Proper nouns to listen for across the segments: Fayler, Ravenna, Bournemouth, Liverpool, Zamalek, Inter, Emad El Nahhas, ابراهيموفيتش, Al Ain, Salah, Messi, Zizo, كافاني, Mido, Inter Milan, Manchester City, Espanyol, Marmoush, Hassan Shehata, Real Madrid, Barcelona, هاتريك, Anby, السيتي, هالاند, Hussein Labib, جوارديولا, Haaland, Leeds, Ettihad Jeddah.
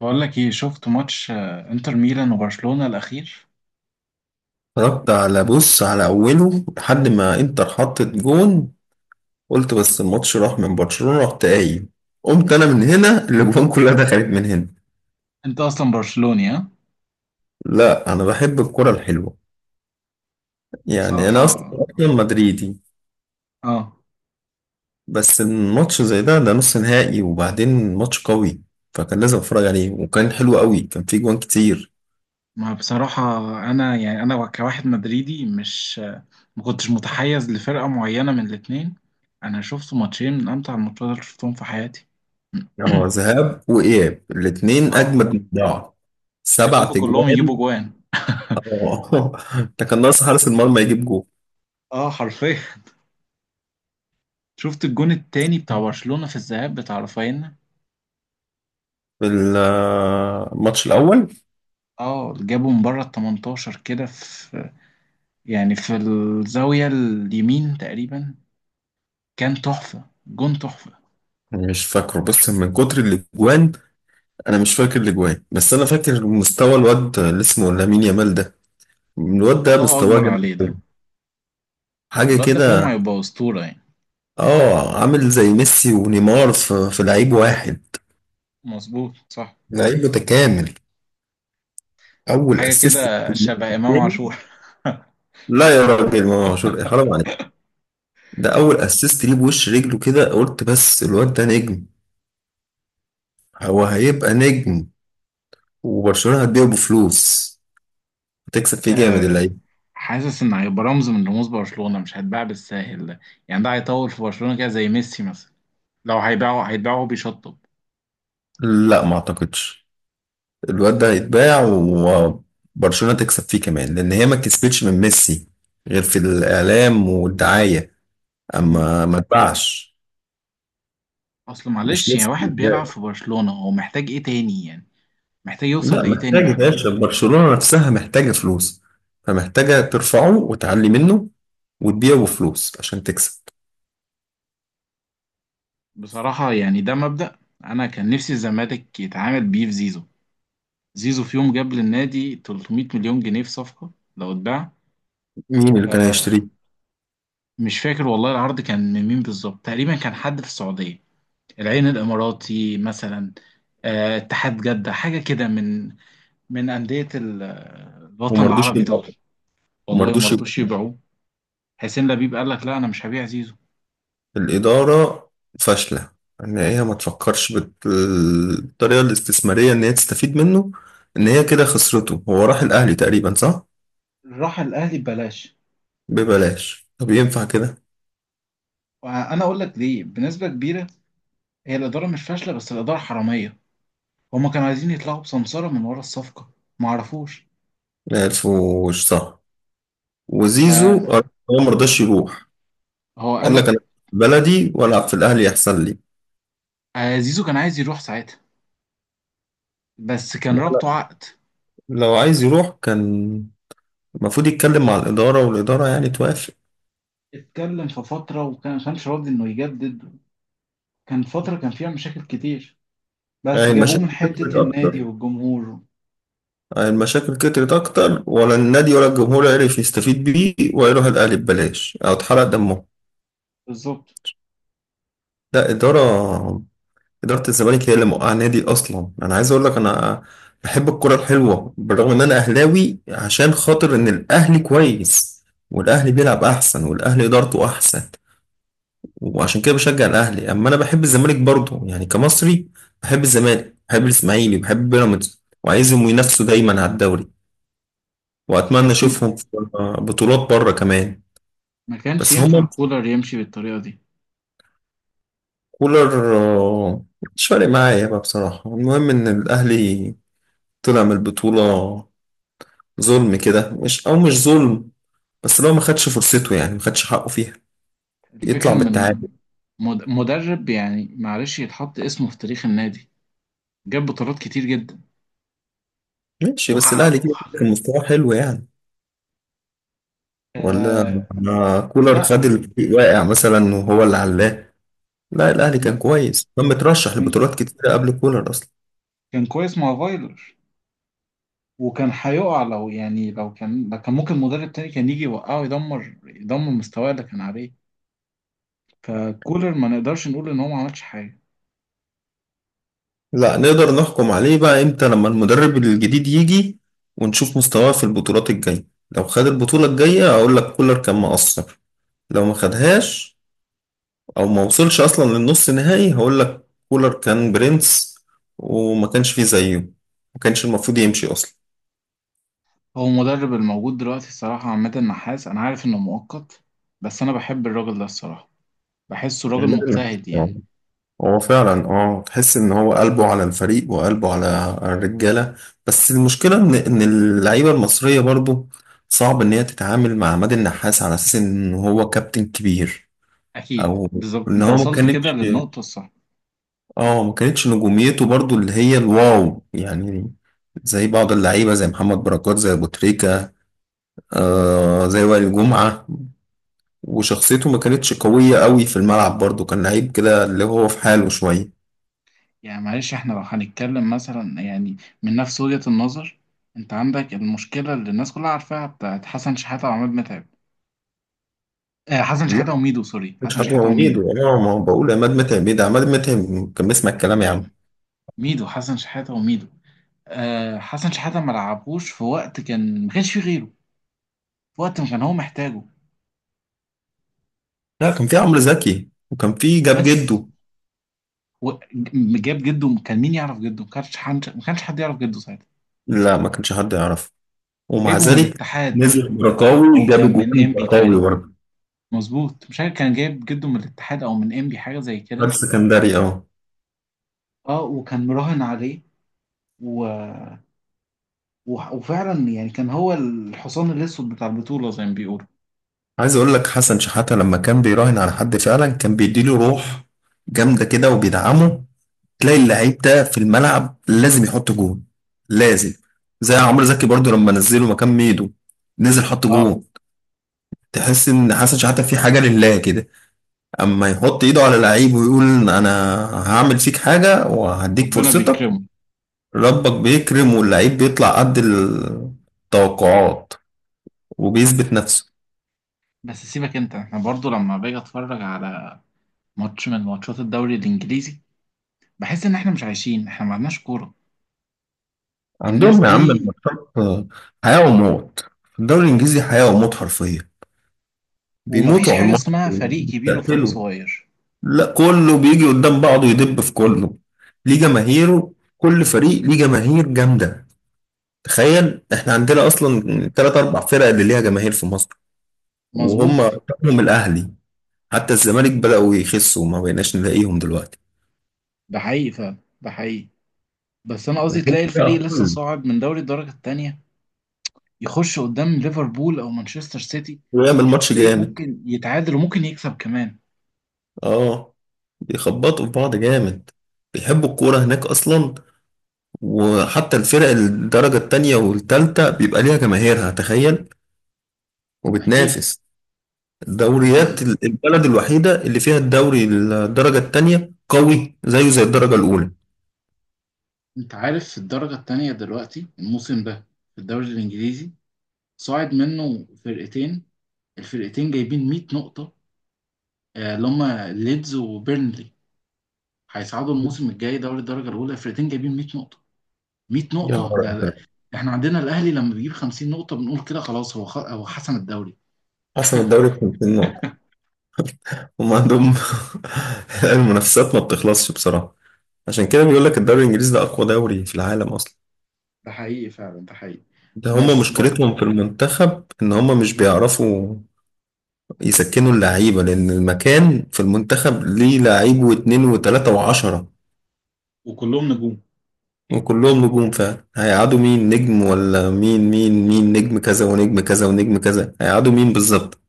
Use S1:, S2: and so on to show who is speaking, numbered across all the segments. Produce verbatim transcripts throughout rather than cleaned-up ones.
S1: بقول لك ايه؟ شفت ماتش آه، انتر ميلان وبرشلونة الاخير.
S2: اتفرجت على بص على أوله لحد ما إنتر حطت جون. قلت بس الماتش راح من برشلونة، رحت قايم. قمت أنا من هنا، الأجوان كلها دخلت من هنا.
S1: انت اصلا برشلوني ها؟
S2: لا أنا بحب الكرة الحلوة. يعني أنا أصلا
S1: بصراحة.
S2: أصلاً مدريدي.
S1: اه.
S2: بس الماتش زي ده ده نص نهائي، وبعدين ماتش قوي، فكان لازم أتفرج عليه. وكان حلو قوي، كان فيه جوان كتير.
S1: ما بصراحة انا يعني انا كواحد مدريدي مش آه، ما كنتش متحيز لفرقة معينة من الاتنين. انا شفت ماتشين من امتع الماتشات اللي شفتهم في حياتي.
S2: اه، ذهاب وإياب الاتنين
S1: آه.
S2: أجمد من بعض.
S1: يا
S2: سبع
S1: رب كلهم يجيبوا
S2: تجوان.
S1: جوان.
S2: اه ده كان ناقص حارس المرمى يجيب جول.
S1: اه، حرفيا. شفت الجون التاني بتاع برشلونة في الذهاب بتاع رافينا.
S2: الماتش الأول
S1: اه، جابه من بره ال تمنتاشر كده، في، يعني في الزاوية اليمين تقريبا. كان تحفة، جون تحفة.
S2: مش فاكره بس من كتر الأجوان. أنا مش فاكر الأجوان، بس أنا فاكر مستوى الواد اللي اسمه لامين يامال ده. الواد ده
S1: الله
S2: مستواه
S1: أكبر
S2: جامد
S1: عليه
S2: أوي.
S1: ده.
S2: حاجة
S1: الواد ده في يوم
S2: كده.
S1: هيبقى أسطورة يعني.
S2: اه، عامل زي ميسي ونيمار في, في لعيب واحد.
S1: مظبوط، صح.
S2: لعيب متكامل. أول
S1: حاجة
S2: أسيست.
S1: كده شبه إمام
S2: التاني.
S1: عاشور.
S2: لا يا راجل ما مشهور، حرام عليك. ده أول أسيست ليه بوش رجله كده، قلت بس الواد ده نجم. هو هيبقى نجم. وبرشلونة هتبيعه بفلوس، هتكسب فيه جامد
S1: آه.
S2: اللعيب.
S1: حاسس إن هيبقى رمز من رموز برشلونة، مش هيتباع بالساهل ده. يعني ده هيطول في برشلونة كده زي ميسي مثلا. لو هيباعه هيتباعه وهو بيشطب.
S2: لا ما اعتقدش. الواد ده هيتباع، وبرشلونة تكسب فيه كمان، لان هي ما كسبتش من ميسي غير في الاعلام والدعاية،
S1: مم.
S2: اما ما اتباعش.
S1: أصل
S2: مش
S1: معلش، يعني
S2: ميسي اللي
S1: واحد بيلعب
S2: اتباع.
S1: في برشلونة هو محتاج إيه تاني يعني؟ محتاج يوصل
S2: لا
S1: لإيه تاني
S2: محتاج يا
S1: بعد
S2: باشا،
S1: كده؟
S2: برشلونة نفسها محتاجة فلوس، فمحتاجة ترفعه وتعلي منه وتبيعه بفلوس عشان تكسب.
S1: بصراحة يعني ده مبدأ. أنا كان نفسي الزمالك يتعامل بيه في زيزو. زيزو في يوم جاب للنادي تلتميت مليون جنيه في صفقة لو اتباع.
S2: مين اللي كان
S1: آه.
S2: هيشتريه؟
S1: مش فاكر والله العرض كان من مين بالظبط، تقريبا كان حد في السعودية، العين الإماراتي مثلا. آه اتحاد جدة حاجة كده، من من أندية ال- الوطن
S2: وما رضوش
S1: العربي دول.
S2: يبيعوه. وما
S1: والله ما
S2: رضوش.
S1: رضوش يبيعوه. حسين لبيب قال لك لا، أنا مش هبيع زيزو.
S2: الإدارة فاشلة، إن هي ما تفكرش بالطريقة الاستثمارية إن هي تستفيد منه. إن هي كده خسرته، هو راح الأهلي تقريبا صح؟
S1: راح الأهلي ببلاش.
S2: ببلاش، طب ينفع كده؟
S1: وأنا أقول لك ليه، بنسبة كبيرة هي الإدارة مش فاشلة بس الإدارة حرامية. هما كانوا عايزين يطلعوا بسمسرة من ورا الصفقة، ما عرفوش.
S2: ما عرفوش صح. وزيزو
S1: فهو
S2: هو مرضاش يروح.
S1: قال
S2: قال لك
S1: لك
S2: أنا في بلدي وألعب في الأهلي أحسن لي.
S1: آه، زيزو كان عايز يروح ساعتها بس كان رابطه عقد.
S2: لو عايز يروح كان المفروض يتكلم مع الإدارة، والإدارة يعني توافق.
S1: اتكلم في فترة وكان ما كانش راضي إنه يجدد. كان فترة كان فيها مشاكل كتير،
S2: يعني
S1: بس جابوه
S2: المشاكل
S1: من
S2: كترت
S1: حتة النادي
S2: أكتر؟
S1: والجمهور.
S2: المشاكل كترت أكتر ولا النادي ولا الجمهور عرف يستفيد بيه، ويروح الأهلي ببلاش أو اتحرق دمه.
S1: بالظبط.
S2: ده إدارة، إدارة الزمالك هي اللي موقعة النادي أصلا. أنا عايز أقول لك أنا بحب الكرة الحلوة، بالرغم إن أنا أهلاوي، عشان خاطر إن الأهلي كويس، والأهلي بيلعب أحسن، والأهلي إدارته أحسن، وعشان كده بشجع الأهلي. أما أنا بحب الزمالك برضه يعني كمصري، بحب الزمالك، بحب الإسماعيلي، بحب بيراميدز، وعايزهم ينافسوا دايما على الدوري، وأتمنى
S1: بس م-
S2: أشوفهم في بطولات بره كمان.
S1: ما كانش
S2: بس
S1: ينفع
S2: هما.
S1: كولر يمشي بالطريقة دي.
S2: كولر. آه، مش فارق معايا بقى بصراحة. المهم إن الأهلي طلع من البطولة ظلم كده، مش أو مش ظلم، بس لو ما خدش فرصته يعني ما خدش حقه فيها، يطلع
S1: الفكرة إن
S2: بالتعادل.
S1: الم- مد- مدرب، يعني معلش، يتحط اسمه في تاريخ النادي، جاب بطولات كتير جدا
S2: ماشي، بس
S1: وحقق
S2: الأهلي كده
S1: وحقق.
S2: كان مستواه حلو يعني. ولا.
S1: آه.
S2: آه، كولر خد
S1: لا.
S2: الفريق واقع مثلا وهو اللي علاه؟ لا، الأهلي كان كويس، كان مترشح
S1: أنا-
S2: لبطولات كتيرة قبل كولر أصلا.
S1: كان كويس مع فايلر. وكان هيقع، لو يعني، لو كان لو كان ممكن مدرب تاني كان يجي يوقعه، يدمر يدمر مستواه اللي كان عليه. فكولر ما نقدرش نقول ان هو ما عملش حاجه.
S2: لا نقدر نحكم عليه بقى امتى؟ لما المدرب الجديد يجي ونشوف مستواه في البطولات الجاية. لو خد البطولة الجاية هقول لك كولر كان مقصر. لو ما خدهاش او ما وصلش اصلا للنص نهائي هقول لك كولر كان برنس وما كانش فيه زيه، ما كانش المفروض يمشي اصلا.
S1: هو المدرب الموجود دلوقتي الصراحه عماد النحاس، انا عارف انه مؤقت بس انا بحب الراجل ده الصراحه. بحسه راجل
S2: يعمل لنا.
S1: مجتهد يعني.
S2: هو فعلا اه تحس ان هو قلبه على الفريق وقلبه على الرجاله. بس المشكله ان ان اللعيبه المصريه برضو صعب ان هي تتعامل مع عماد النحاس على اساس ان هو كابتن كبير.
S1: اكيد،
S2: او
S1: بالظبط
S2: ان
S1: انت
S2: هو ما
S1: وصلت كده
S2: كانتش.
S1: للنقطه الصح.
S2: اه، ما كانتش نجوميته برضو اللي هي الواو يعني، زي بعض اللعيبه، زي محمد بركات، زي ابو تريكه، آه زي وائل جمعه. وشخصيته ما كانتش قويه قوي في الملعب برضو، كان لعيب كده اللي هو في حاله شويه.
S1: يعني معلش احنا لو هنتكلم مثلا يعني من نفس وجهه النظر، انت عندك المشكله اللي الناس كلها عارفاها بتاعت حسن شحاته وعماد متعب. آه، حسن شحاتة وميدو، سوري،
S2: مش
S1: حسن
S2: عمرو
S1: شحاتة
S2: عبيد؟
S1: وميدو.
S2: اه، ما هو بقول عماد متعب، ايه ده؟ عماد متعب كان بيسمع الكلام يا
S1: لا،
S2: عم.
S1: ميدو حسن شحاتة وميدو. آه، حسن شحاتة ما لعبوش في وقت كان ما كانش فيه غيره، في وقت ما كان هو محتاجه.
S2: لا كان في عمرو زكي وكان في جاب
S1: بس
S2: جده.
S1: و- جاب جده. كان مين يعرف جده؟ ما كانش حد ما كانش حد يعرف جده ساعتها،
S2: لا ما كانش حد يعرف. ومع
S1: وجايبه من
S2: ذلك.
S1: الاتحاد
S2: نزل برقاوي،
S1: او
S2: جاب
S1: كان من
S2: جوان
S1: انبي
S2: برقاوي
S1: تقريبا.
S2: برضه.
S1: مظبوط، مش عارف كان جايب جده من الاتحاد او من انبي، حاجه زي كده.
S2: راجل سكندري اه.
S1: اه، وكان مراهن عليه. و... و... وفعلا يعني كان هو الحصان الاسود بتاع البطوله زي ما بيقولوا.
S2: عايز اقول لك حسن شحاتة لما كان بيراهن على حد فعلا كان بيديله روح جامده كده وبيدعمه. تلاقي اللعيب ده في الملعب لازم يحط جون. لازم. زي عمرو زكي برضه لما نزله مكان ميدو، نزل حط
S1: اه،
S2: جون. تحس ان حسن شحاتة في حاجه لله كده، اما يحط ايده على لعيب ويقول انا هعمل فيك حاجة وهديك
S1: ربنا
S2: فرصتك.
S1: بيكرمه.
S2: ربك بيكرم واللعيب بيطلع قد التوقعات وبيثبت نفسه.
S1: بس سيبك انت، احنا برضو لما باجي اتفرج على ماتش من ماتشات الدوري الانجليزي بحس ان احنا مش عايشين، احنا ما عندناش كوره. الناس
S2: عندهم يا عم
S1: دي.
S2: الماتشات حياة وموت. في الدوري الانجليزي حياة وموت حرفيا.
S1: ومفيش
S2: بيموتوا على
S1: حاجه
S2: الماتش،
S1: اسمها فريق كبير وفريق
S2: بيتقتلوا.
S1: صغير.
S2: لا كله بيجي قدام بعضه يدب في كله. ليه جماهيره، كل فريق ليه جماهير جامدة. تخيل احنا عندنا اصلا تلات اربع فرق اللي ليها جماهير في مصر، وهم
S1: مظبوط.
S2: رقمهم الاهلي. حتى الزمالك بدأوا يخسوا، ما بقيناش نلاقيهم دلوقتي.
S1: ده حقيقي فعلا، ده حقيقي. بس انا قصدي تلاقي الفريق لسه صاعد من دوري الدرجه التانيه، يخش قدام ليفربول او مانشستر سيتي،
S2: ويعمل ماتش
S1: تلاقيه
S2: جامد.
S1: ممكن يتعادل وممكن يكسب كمان.
S2: اه، بيخبطوا في بعض جامد. بيحبوا الكورة هناك أصلا. وحتى الفرق الدرجة التانية والتالتة بيبقى ليها جماهيرها، تخيل،
S1: اكيد.
S2: وبتنافس.
S1: انت
S2: الدوريات ال- البلد الوحيدة اللي فيها الدوري الدرجة التانية قوي زيه زي الدرجة الأولى.
S1: انت عارف في الدرجه التانيه دلوقتي الموسم ده في الدوري الانجليزي صاعد منه فرقتين، الفرقتين جايبين ميت نقطة، آه، اللي هما ليدز وبيرنلي، هيصعدوا الموسم الجاي دوري الدرجة الأولى. الفرقتين جايبين مية نقطة. ميت
S2: يا
S1: نقطة
S2: نهار
S1: ده ده-
S2: أبيض.
S1: احنا عندنا الأهلي لما بيجيب خمسين نقطة بنقول كده خلاص، هو خ... هو حسم الدوري.
S2: حسن الدوري ب خمسين نقطة. هم عندهم المنافسات ما بتخلصش بصراحة. عشان كده بيقول لك الدوري الانجليزي ده اقوى دوري في العالم اصلا.
S1: ده حقيقي فعلا، ده حقيقي.
S2: ده هما
S1: بس بر...
S2: مشكلتهم في المنتخب ان هما مش بيعرفوا يسكنوا اللعيبه، لان المكان في المنتخب ليه لعيب واتنين وتلاته وعشره،
S1: وكلهم نجوم.
S2: وكلهم نجوم فعلا. هيقعدوا مين نجم ولا مين؟ مين مين نجم كذا ونجم كذا ونجم كذا، هيقعدوا مين بالظبط؟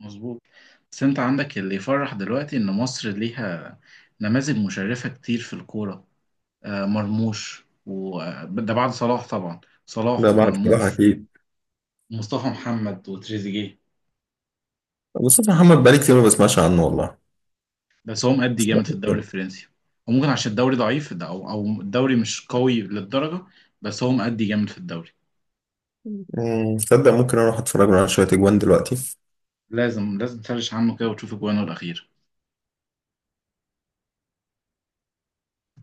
S1: مظبوط. بس انت عندك اللي يفرح دلوقتي ان مصر ليها نماذج مشرفة كتير في الكورة. آه، مرموش وده بعد صلاح طبعا. صلاح
S2: ده بعد بصراحه
S1: ومرموش
S2: اكيد.
S1: ومصطفى محمد وتريزيجيه.
S2: مصطفى محمد بقالي كتير ما بسمعش عنه والله.
S1: بس هو مأدي جامد في الدوري
S2: تصدق.
S1: الفرنسي. وممكن عشان الدوري ضعيف ده، او او الدوري مش قوي للدرجه. بس هو مأدي جامد في الدوري.
S2: مم، تصدق ممكن اروح اتفرج له على شويه اجوان دلوقتي.
S1: لازم لازم تسرش عنه كده وتشوف اجوانه الاخيره.